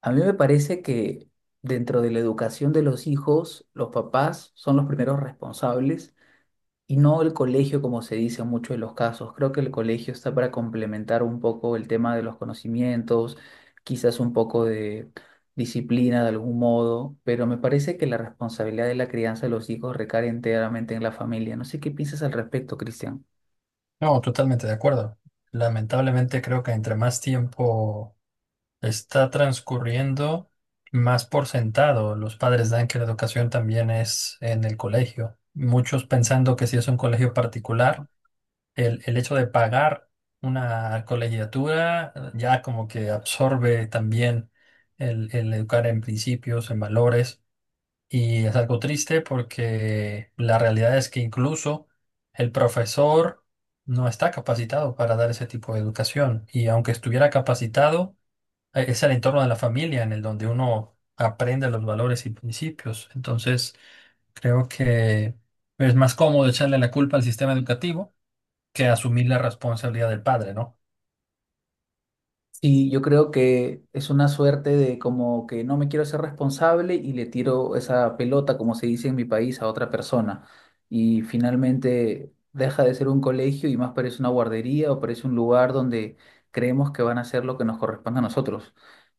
A mí me parece que dentro de la educación de los hijos, los papás son los primeros responsables y no el colegio, como se dice en muchos de los casos. Creo que el colegio está para complementar un poco el tema de los conocimientos, quizás un poco de disciplina de algún modo, pero me parece que la responsabilidad de la crianza de los hijos recae enteramente en la familia. No sé qué piensas al respecto, Cristian. No, totalmente de acuerdo. Lamentablemente creo que entre más tiempo está transcurriendo, más por sentado los padres dan que la educación también es en el colegio. Muchos pensando que si es un colegio particular, el hecho de pagar una colegiatura ya como que absorbe también el educar en principios, en valores. Y es algo triste porque la realidad es que incluso el profesor no está capacitado para dar ese tipo de educación. Y aunque estuviera capacitado, es el entorno de la familia en el donde uno aprende los valores y principios. Entonces, creo que es más cómodo echarle la culpa al sistema educativo que asumir la responsabilidad del padre, ¿no? Sí, yo creo que es una suerte de como que no me quiero ser responsable y le tiro esa pelota, como se dice en mi país, a otra persona. Y finalmente deja de ser un colegio y más parece una guardería o parece un lugar donde creemos que van a hacer lo que nos corresponde a nosotros.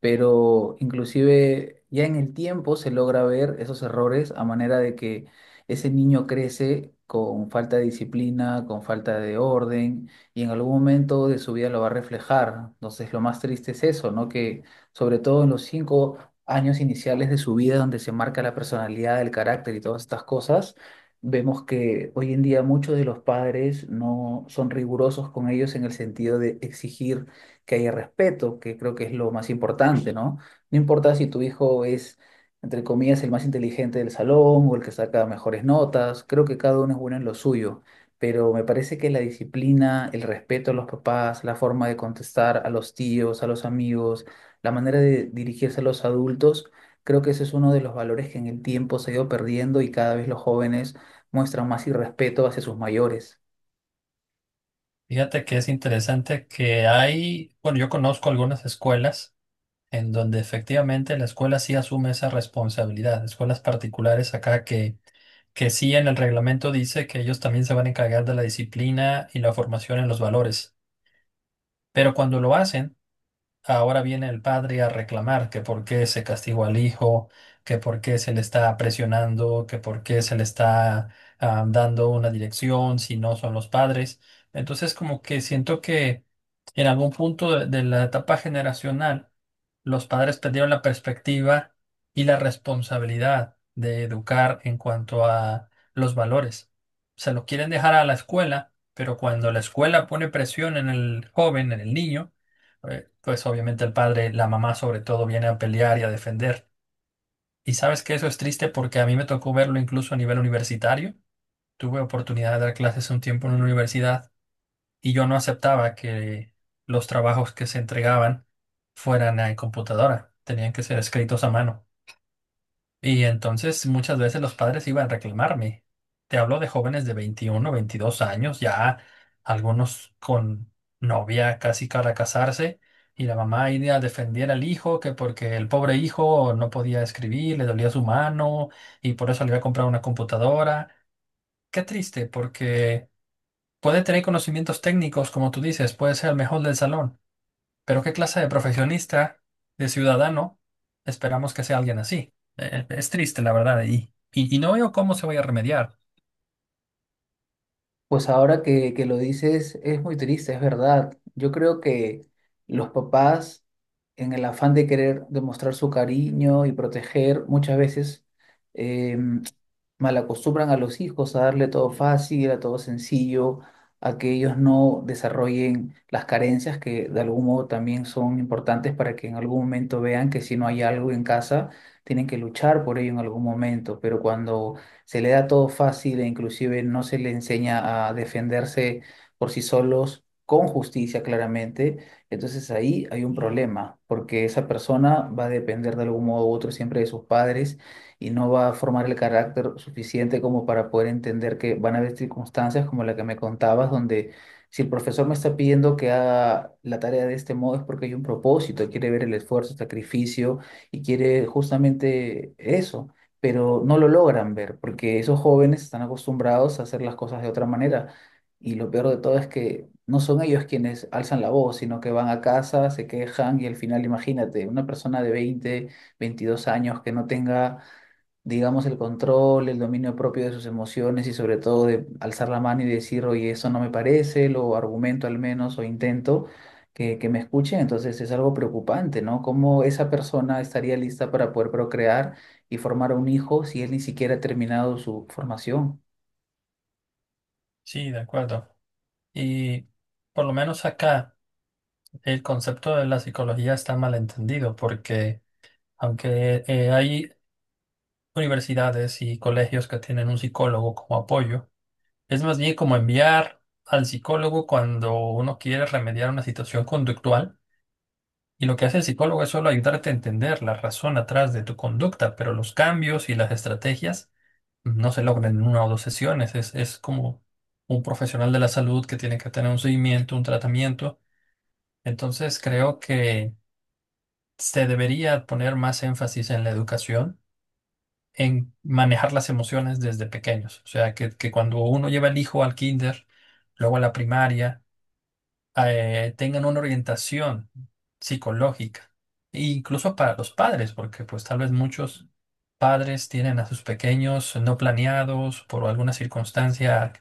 Pero inclusive ya en el tiempo se logra ver esos errores a manera de que ese niño crece con falta de disciplina, con falta de orden y en algún momento de su vida lo va a reflejar. Entonces, lo más triste es eso, ¿no? Que sobre todo en los 5 años iniciales de su vida, donde se marca la personalidad, el carácter y todas estas cosas, vemos que hoy en día muchos de los padres no son rigurosos con ellos en el sentido de exigir que haya respeto, que creo que es lo más importante, ¿no? No importa si tu hijo es, entre comillas, el más inteligente del salón o el que saca mejores notas. Creo que cada uno es bueno en lo suyo, pero me parece que la disciplina, el respeto a los papás, la forma de contestar a los tíos, a los amigos, la manera de dirigirse a los adultos, creo que ese es uno de los valores que en el tiempo se ha ido perdiendo y cada vez los jóvenes muestran más irrespeto hacia sus mayores. Fíjate que es interesante que hay, bueno, yo conozco algunas escuelas en donde efectivamente la escuela sí asume esa responsabilidad. Escuelas particulares acá que sí en el reglamento dice que ellos también se van a encargar de la disciplina y la formación en los valores. Pero cuando lo hacen, ahora viene el padre a reclamar que por qué se castigó al hijo, que por qué se le está presionando, que por qué se le está dando una dirección si no son los padres. Entonces, como que siento que en algún punto de la etapa generacional, los padres perdieron la perspectiva y la responsabilidad de educar en cuanto a los valores. Se lo quieren dejar a la escuela, pero cuando la escuela pone presión en el joven, en el niño, pues obviamente el padre, la mamá sobre todo, viene a pelear y a defender. Y sabes que eso es triste porque a mí me tocó verlo incluso a nivel universitario. Tuve oportunidad de dar clases un tiempo en una universidad y yo no aceptaba que los trabajos que se entregaban fueran en computadora. Tenían que ser escritos a mano. Y entonces muchas veces los padres iban a reclamarme. Te hablo de jóvenes de 21 22 años, ya algunos con novia casi para casarse, y la mamá iba a defender al hijo, que porque el pobre hijo no podía escribir, le dolía su mano, y por eso le iba a comprar una computadora. Qué triste, porque puede tener conocimientos técnicos, como tú dices, puede ser el mejor del salón, pero ¿qué clase de profesionista, de ciudadano, esperamos que sea alguien así? Es triste, la verdad, y no veo cómo se vaya a remediar. Pues ahora que lo dices, es muy triste, es verdad. Yo creo que los papás, en el afán de querer demostrar su cariño y proteger, muchas veces em, malacostumbran a los hijos a darle todo fácil, a todo sencillo, a que ellos no desarrollen las carencias que de algún modo también son importantes para que en algún momento vean que si no hay algo en casa, tienen que luchar por ello en algún momento. Pero cuando se le da todo fácil e inclusive no se le enseña a defenderse por sí solos, con justicia claramente. Entonces ahí hay un problema, porque esa persona va a depender de algún modo u otro siempre de sus padres y no va a formar el carácter suficiente como para poder entender que van a haber circunstancias como la que me contabas, donde si el profesor me está pidiendo que haga la tarea de este modo es porque hay un propósito, quiere ver el esfuerzo, el sacrificio, y quiere justamente eso, pero no lo logran ver porque esos jóvenes están acostumbrados a hacer las cosas de otra manera. Y lo peor de todo es que no son ellos quienes alzan la voz, sino que van a casa, se quejan y al final, imagínate, una persona de 20 22 años que no tenga, digamos, el control, el dominio propio de sus emociones y sobre todo de alzar la mano y decir, oye, eso no me parece, lo argumento al menos o intento que me escuchen. Entonces es algo preocupante, ¿no? ¿Cómo esa persona estaría lista para poder procrear y formar un hijo si él ni siquiera ha terminado su formación? Sí, de acuerdo. Y por lo menos acá el concepto de la psicología está malentendido, porque aunque hay universidades y colegios que tienen un psicólogo como apoyo, es más bien como enviar al psicólogo cuando uno quiere remediar una situación conductual. Y lo que hace el psicólogo es solo ayudarte a entender la razón atrás de tu conducta, pero los cambios y las estrategias no se logran en una o dos sesiones. Es como un profesional de la salud que tiene que tener un seguimiento, un tratamiento. Entonces creo que se debería poner más énfasis en la educación, en manejar las emociones desde pequeños. O sea, que cuando uno lleva al hijo al kinder, luego a la primaria, tengan una orientación psicológica, e incluso para los padres, porque pues tal vez muchos padres tienen a sus pequeños no planeados por alguna circunstancia,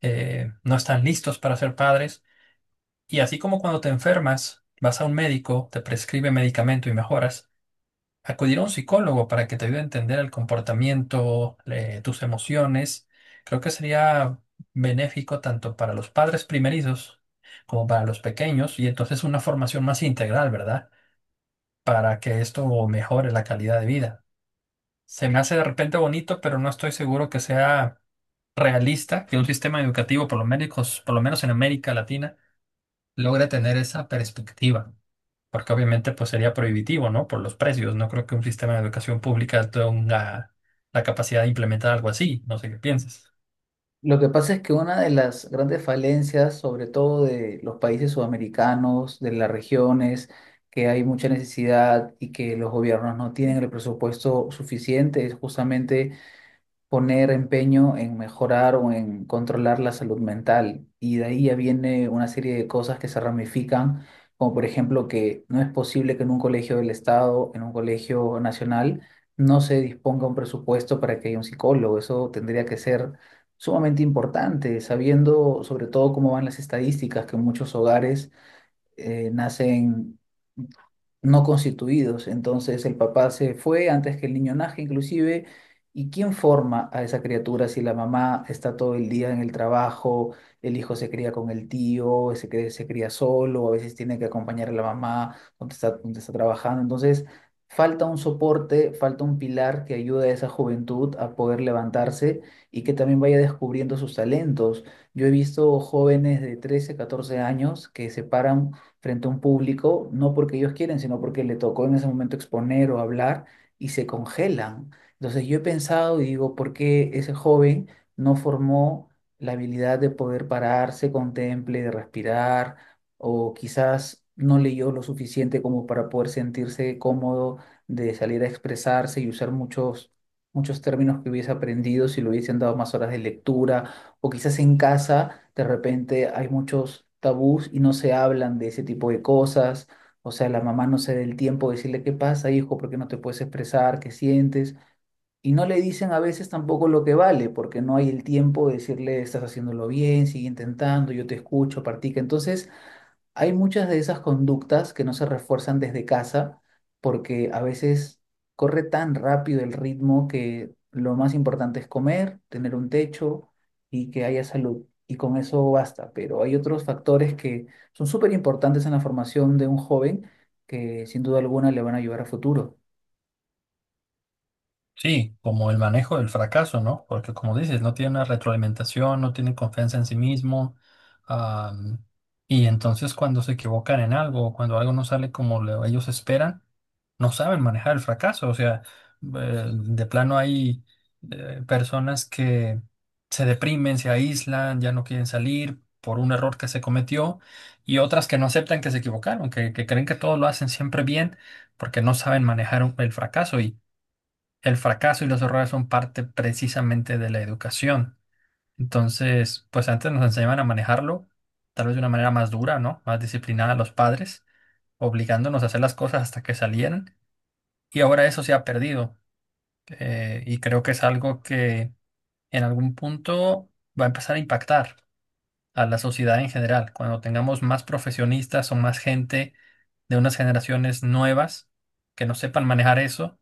no están listos para ser padres. Y así como cuando te enfermas, vas a un médico, te prescribe medicamento y mejoras. Acudir a un psicólogo para que te ayude a entender el comportamiento, tus emociones, creo que sería benéfico tanto para los padres primerizos como para los pequeños y entonces una formación más integral, ¿verdad? Para que esto mejore la calidad de vida. Se me hace de repente bonito, pero no estoy seguro que sea realista que un sistema educativo, por lo menos en América Latina, logre tener esa perspectiva. Porque obviamente pues sería prohibitivo, ¿no? Por los precios. No creo que un sistema de educación pública tenga la capacidad de implementar algo así. No sé qué piensas. Lo que pasa es que una de las grandes falencias, sobre todo de los países sudamericanos, de las regiones, que hay mucha necesidad y que los gobiernos no tienen el presupuesto suficiente, es justamente poner empeño en mejorar o en controlar la salud mental. Y de ahí ya viene una serie de cosas que se ramifican, como por ejemplo que no es posible que en un colegio del Estado, en un colegio nacional, no se disponga un presupuesto para que haya un psicólogo. Eso tendría que ser sumamente importante, sabiendo sobre todo cómo van las estadísticas, que en muchos hogares nacen no constituidos. Entonces el papá se fue antes que el niño nazca inclusive. ¿Y quién forma a esa criatura si la mamá está todo el día en el trabajo, el hijo se cría con el tío, se cría solo, a veces tiene que acompañar a la mamá donde está trabajando? Entonces falta un soporte, falta un pilar que ayude a esa juventud a poder levantarse y que también vaya descubriendo sus talentos. Yo he visto jóvenes de 13 14 años que se paran frente a un público, no porque ellos quieren, sino porque le tocó en ese momento exponer o hablar y se congelan. Entonces yo he pensado y digo, ¿por qué ese joven no formó la habilidad de poder pararse, contemple, de respirar, o quizás no leyó lo suficiente como para poder sentirse cómodo de salir a expresarse y usar muchos términos que hubiese aprendido si le hubiesen dado más horas de lectura, o quizás en casa de repente hay muchos tabús y no se hablan de ese tipo de cosas? O sea, la mamá no se da el tiempo de decirle qué pasa, hijo, por qué no te puedes expresar, qué sientes. Y no le dicen a veces tampoco lo que vale, porque no hay el tiempo de decirle estás haciéndolo bien, sigue intentando, yo te escucho, practica. Entonces, hay muchas de esas conductas que no se refuerzan desde casa porque a veces corre tan rápido el ritmo que lo más importante es comer, tener un techo y que haya salud. Y con eso basta. Pero hay otros factores que son súper importantes en la formación de un joven que sin duda alguna le van a ayudar a futuro. Sí, como el manejo del fracaso, ¿no? Porque como dices, no tiene una retroalimentación, no tiene confianza en sí mismo. am, y entonces cuando se equivocan en algo, cuando algo no sale como ellos esperan, no saben manejar el fracaso. O sea, de plano hay personas que se deprimen, se aíslan, ya no quieren salir por un error que se cometió y otras que no aceptan que se equivocaron, que creen que todo lo hacen siempre bien porque no saben manejar el fracaso. El fracaso y los errores son parte precisamente de la educación. Entonces, pues antes nos enseñaban a manejarlo, tal vez de una manera más dura, ¿no? Más disciplinada a los padres, obligándonos a hacer las cosas hasta que salieran. Y ahora eso se ha perdido. Y creo que es algo que en algún punto va a empezar a impactar a la sociedad en general. Cuando tengamos más profesionistas o más gente de unas generaciones nuevas que no sepan manejar eso,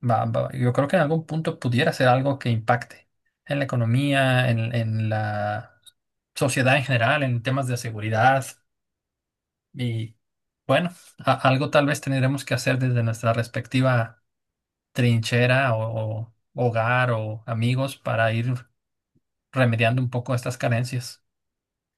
Yo creo que en algún punto pudiera ser algo que impacte en la economía, en la sociedad en general, en temas de seguridad. Y bueno, algo tal vez tendremos que hacer desde nuestra respectiva trinchera o hogar o amigos para ir remediando un poco estas carencias.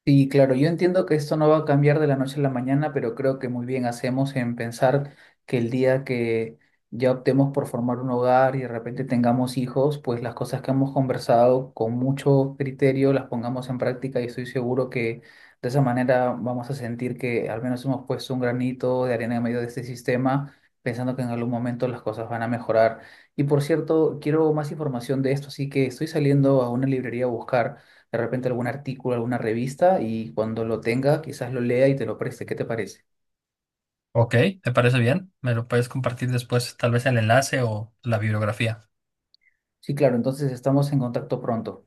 Sí, claro, yo entiendo que esto no va a cambiar de la noche a la mañana, pero creo que muy bien hacemos en pensar que el día que ya optemos por formar un hogar y de repente tengamos hijos, pues las cosas que hemos conversado con mucho criterio las pongamos en práctica y estoy seguro que de esa manera vamos a sentir que al menos hemos puesto un granito de arena en medio de este sistema, pensando que en algún momento las cosas van a mejorar. Y por cierto, quiero más información de esto, así que estoy saliendo a una librería a buscar de repente algún artículo, alguna revista y cuando lo tenga quizás lo lea y te lo preste. ¿Qué te parece? Ok, ¿te parece bien? ¿Me lo puedes compartir después, tal vez el enlace o la bibliografía? Sí, claro, entonces estamos en contacto pronto.